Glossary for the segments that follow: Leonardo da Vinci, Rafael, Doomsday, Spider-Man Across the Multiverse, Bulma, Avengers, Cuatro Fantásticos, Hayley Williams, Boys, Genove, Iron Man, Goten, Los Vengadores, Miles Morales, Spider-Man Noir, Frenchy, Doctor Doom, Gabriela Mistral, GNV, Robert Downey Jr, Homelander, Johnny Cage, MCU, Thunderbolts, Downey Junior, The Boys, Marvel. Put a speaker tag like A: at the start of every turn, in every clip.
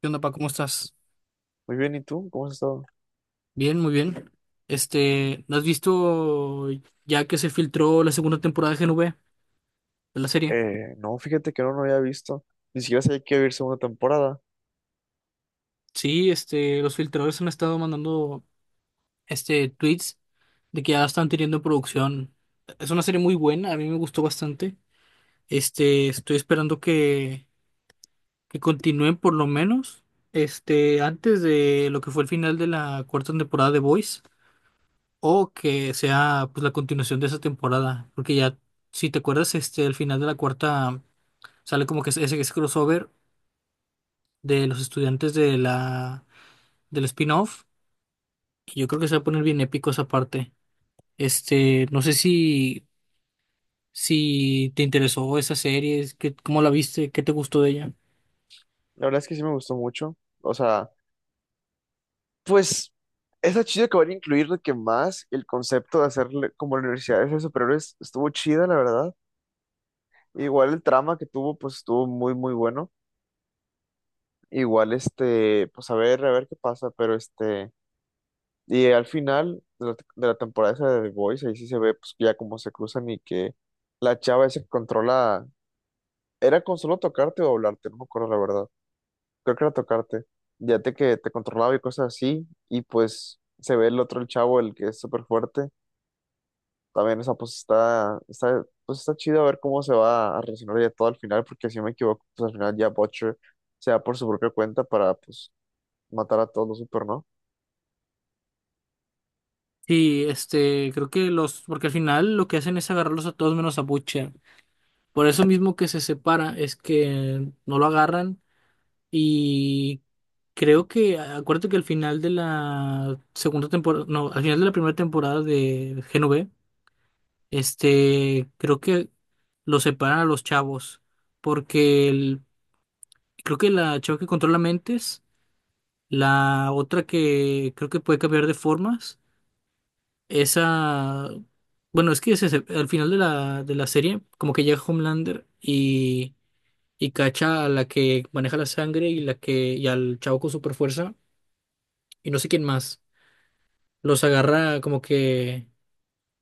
A: ¿Qué onda, pa? ¿Cómo estás?
B: Muy bien, ¿y tú? ¿Cómo has estado?
A: Bien, muy bien. ¿No has visto ya que se filtró la segunda temporada de GNV de la serie?
B: No, fíjate que no lo había visto. Ni siquiera sabía que iba a haber segunda temporada.
A: Sí, los filtradores han estado mandando tweets de que ya están teniendo producción. Es una serie muy buena, a mí me gustó bastante. Estoy esperando que continúen por lo menos antes de lo que fue el final de la cuarta temporada de Boys. O que sea pues la continuación de esa temporada. Porque ya, si te acuerdas, al final de la cuarta sale como que ese crossover de los estudiantes de del spin-off. Y yo creo que se va a poner bien épico esa parte. No sé si te interesó esa serie, es que, ¿cómo la viste? ¿Qué te gustó de ella?
B: La verdad es que sí me gustó mucho. O sea, pues, está chido que van a incluir de que más el concepto de hacerle como universidades de superhéroes estuvo chida, la verdad. Igual el trama que tuvo, pues estuvo muy, muy bueno. Igual, pues a ver qué pasa, pero Y al final de la temporada esa de The Boys, ahí sí se ve, pues, ya cómo se cruzan y que la chava esa que controla. Era con solo tocarte o hablarte, no me acuerdo la verdad. Creo que era tocarte. Ya te que te controlaba y cosas así. Y pues se ve el otro, el chavo, el que es súper fuerte. También, esa pues pues está chido a ver cómo se va a relacionar ya todo al final, porque si no me equivoco, pues al final ya Butcher se va por su propia cuenta para pues matar a todos los super, ¿no?
A: Sí, creo que los, porque al final lo que hacen es agarrarlos a todos menos a Butcher. Por eso mismo que se separa es que no lo agarran y creo que, acuérdate que al final de la segunda temporada, no, al final de la primera temporada de Genove, creo que lo separan a los chavos, porque el- creo que la chava que controla mentes, la otra que creo que puede cambiar de formas, esa, bueno, es que al final de de la serie como que llega Homelander y cacha a la que maneja la sangre y la que y al chavo con super fuerza y no sé quién más. Los agarra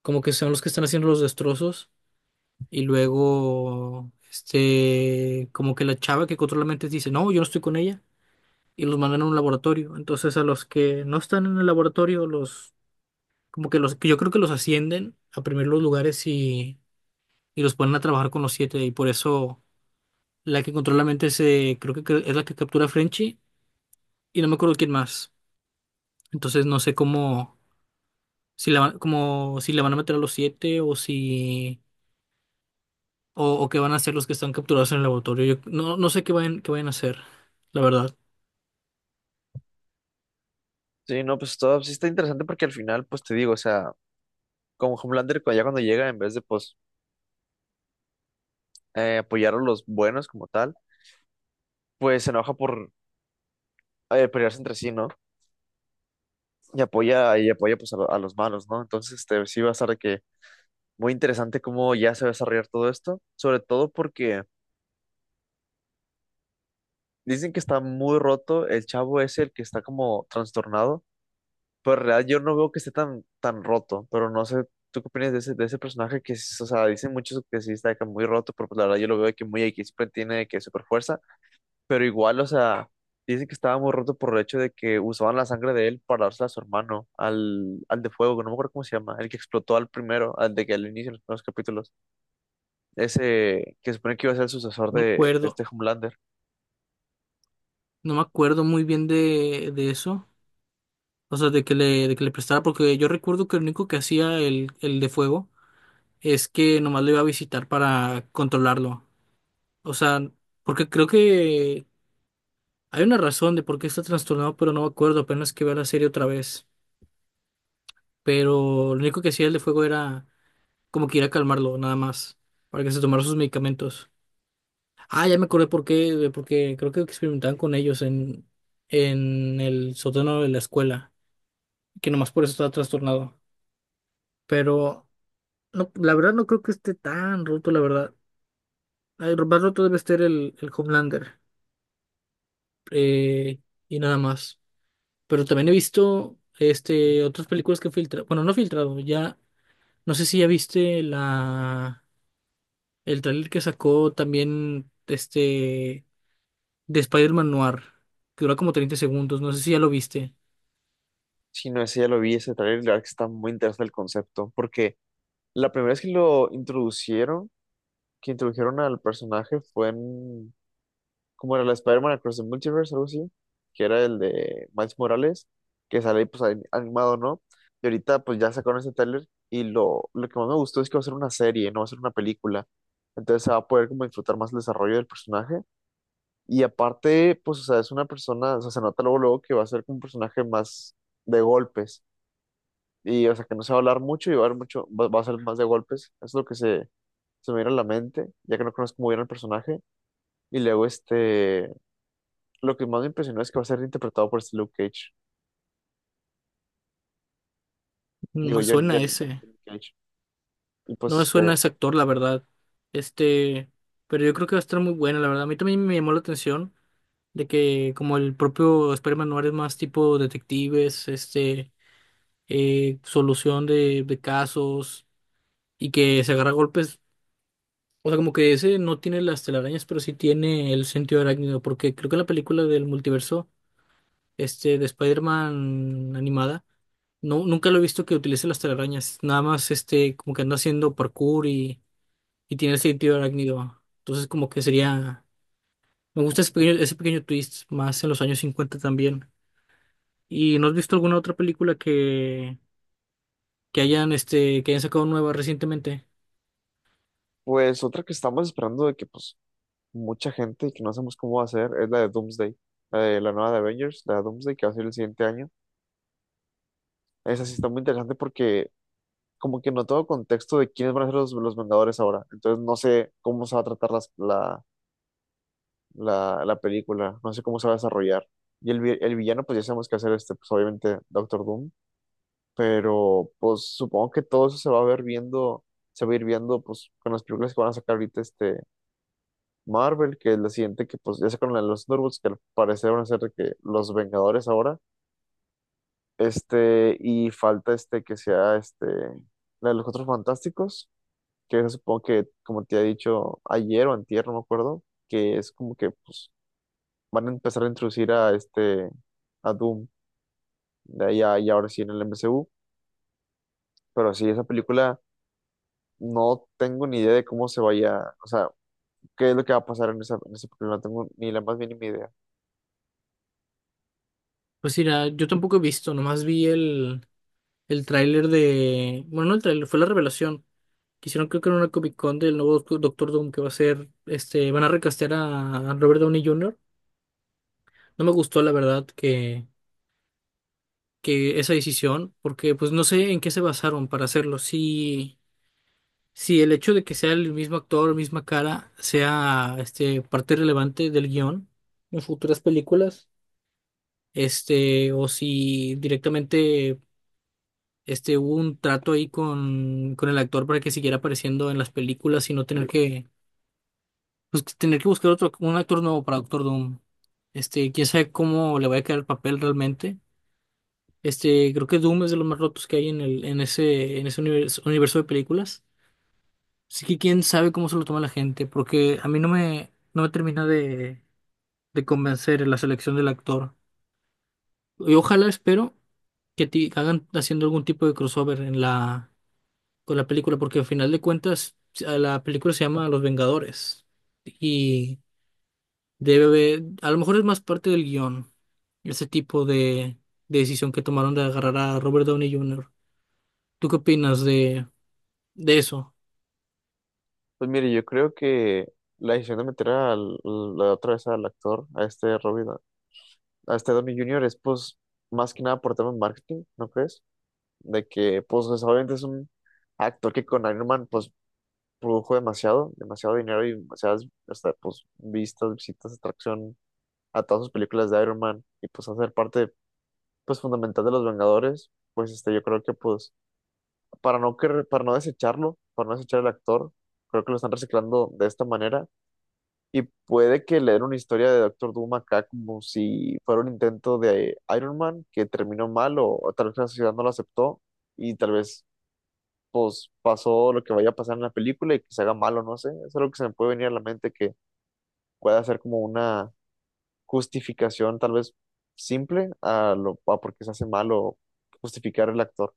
A: como que son los que están haciendo los destrozos y luego como que la chava que controla mentes dice, "No, yo no estoy con ella", y los mandan a un laboratorio. Entonces, a los que no están en el laboratorio, los como que los que yo creo que los ascienden a primeros lugares, y los ponen a trabajar con los siete, y por eso la que controla mentes, creo que es la que captura a Frenchy y no me acuerdo quién más. Entonces no sé cómo, como, si la van a meter a los siete o si, o qué van a hacer los que están capturados en el laboratorio. Yo no, no sé qué vayan a hacer, la verdad.
B: Sí, no, pues todo sí está interesante porque al final, pues te digo, o sea, como Homelander, ya cuando llega, en vez de pues apoyar a los buenos como tal, pues se enoja por pelearse entre sí, ¿no? Y apoya pues a, a los malos, ¿no? Entonces, este, sí va a estar de que muy interesante cómo ya se va a desarrollar todo esto, sobre todo porque dicen que está muy roto, el chavo es el que está como trastornado, pero en realidad yo no veo que esté tan, tan roto, pero no sé, ¿tú qué opinas de ese personaje que, o sea, dicen muchos que sí está de que muy roto, pero pues la verdad yo lo veo de que muy X, siempre tiene de que super fuerza, pero igual, o sea, dice que estaba muy roto por el hecho de que usaban la sangre de él para dársela a su hermano, al, al de fuego, que no me acuerdo cómo se llama, el que explotó al primero, al de que al inicio, en los primeros capítulos, ese que se supone que iba a ser el sucesor
A: No me
B: de
A: acuerdo,
B: este Homelander.
A: no me acuerdo muy bien de eso. O sea, de que le prestara, porque yo recuerdo que lo único que hacía el de fuego es que nomás lo iba a visitar para controlarlo. O sea, porque creo que hay una razón de por qué está trastornado, pero no me acuerdo, apenas que veo la serie otra vez. Pero lo único que hacía el de fuego era como que ir a calmarlo, nada más, para que se tomara sus medicamentos. Ah, ya me acordé por qué, porque creo que experimentaban con ellos en el sótano de la escuela, que nomás por eso estaba trastornado. Pero no, la verdad no creo que esté tan roto, la verdad. Ay, lo más roto debe estar el Homelander, eh, y nada más. Pero también he visto otras películas que filtra, bueno, no filtrado, ya, no sé si ya viste el trailer que sacó también de Spider-Man Noir, que dura como 30 segundos, no sé si ya lo viste.
B: Si no, ese ya lo vi, ese trailer, y la verdad que está muy interesante el concepto, porque la primera vez que lo introducieron, que introdujeron al personaje fue en como era la Spider-Man Across the Multiverse, algo así, que era el de Miles Morales, que sale ahí, pues ahí animado, ¿no? Y ahorita pues ya sacaron ese tráiler y lo que más me gustó es que va a ser una serie, no va a ser una película. Entonces se va a poder como disfrutar más el desarrollo del personaje. Y aparte, pues, o sea, es una persona, o sea, se nota luego, luego que va a ser como un personaje más de golpes. Y, o sea, que no se va a hablar mucho y va a haber mucho, va a ser más de golpes. Eso es lo que se me viene a la mente, ya que no conozco muy bien el personaje. Y luego, este, lo que más me impresionó es que va a ser interpretado por este Luke Cage.
A: No
B: Digo,
A: me suena ese,
B: Johnny Cage. Y
A: no
B: pues
A: me suena
B: este,
A: ese actor, la verdad. Este, pero yo creo que va a estar muy buena, la verdad. A mí también me llamó la atención de que como el propio Spider-Man Noir es más tipo detectives, solución de casos y que se agarra a golpes. O sea, como que ese no tiene las telarañas, pero sí tiene el sentido arácnido, porque creo que en la película del multiverso, de Spider-Man animada, no, nunca lo he visto que utilice las telarañas. Nada más como que anda haciendo parkour y tiene el sentido arácnido. Entonces, como que sería. Me gusta ese pequeño twist, más en los años 50 también. ¿Y no has visto alguna otra película que hayan, que hayan sacado nueva recientemente?
B: pues otra que estamos esperando de que pues mucha gente y que no sabemos cómo va a ser es la de Doomsday, la de la nueva de Avengers, la de Doomsday que va a ser el siguiente año. Esa sí está muy interesante porque como que no tengo contexto de quiénes van a ser los Vengadores ahora. Entonces no sé cómo se va a tratar la película, no sé cómo se va a desarrollar. Y el, el villano, pues ya sabemos que va a ser este, pues obviamente Doctor Doom, pero pues supongo que todo eso se va a ver viendo, se va a ir viendo pues con las películas que van a sacar ahorita este Marvel, que es la siguiente que pues ya sacaron la de los Thunderbolts, que al parecer van a ser de que los Vengadores ahora, este, y falta este que sea este, la de los Cuatro Fantásticos, que esa supongo que como te he dicho ayer o antier, no me acuerdo, que es como que pues van a empezar a introducir a este, a Doom, de y ahora sí en el MCU, pero sí, esa película no tengo ni idea de cómo se vaya, o sea, qué es lo que va a pasar en esa, en ese problema. No tengo ni la más mínima idea.
A: Pues mira, yo tampoco he visto, nomás vi el tráiler de. Bueno, no el tráiler, fue la revelación. Que hicieron creo que en una Comic Con del nuevo Doctor Doom que va a ser, este, van a recastear a Robert Downey Jr. No me gustó, la verdad, que esa decisión, porque pues no sé en qué se basaron para hacerlo. Si, si el hecho de que sea el mismo actor, misma cara, sea parte relevante del guión en futuras películas, o si directamente hubo un trato ahí con el actor para que siguiera apareciendo en las películas y no tener que, pues, tener que buscar otro, un actor nuevo para Doctor Doom. Quién sabe cómo le vaya a quedar el papel realmente. Creo que Doom es de los más rotos que hay en ese universo de películas. Así que quién sabe cómo se lo toma la gente, porque a mí no me termina de convencer la selección del actor. Y ojalá espero hagan haciendo algún tipo de crossover con la película, porque al final de cuentas a la película se llama Los Vengadores. Y a lo mejor es más parte del guión, ese tipo de decisión que tomaron de agarrar a Robert Downey Jr. ¿Tú qué opinas de eso?
B: Pues mire, yo creo que la decisión de meter al, la otra vez al actor, a este Robin, a este Downey Junior es pues más que nada por tema de marketing, ¿no crees? De que pues obviamente es un actor que con Iron Man pues produjo demasiado, demasiado dinero y demasiadas, hasta, pues vistas, visitas, atracción a todas sus películas de Iron Man y pues hacer parte pues fundamental de los Vengadores pues este, yo creo que pues para no, que, para no desecharlo, para no desechar el actor. Creo que lo están reciclando de esta manera. Y puede que le den una historia de Doctor Doom acá como si fuera un intento de Iron Man que terminó mal o tal vez la sociedad no lo aceptó y tal vez pues pasó lo que vaya a pasar en la película y que se haga malo, no sé. Eso es algo que se me puede venir a la mente que pueda ser como una justificación tal vez simple a lo a por qué se hace malo justificar el actor.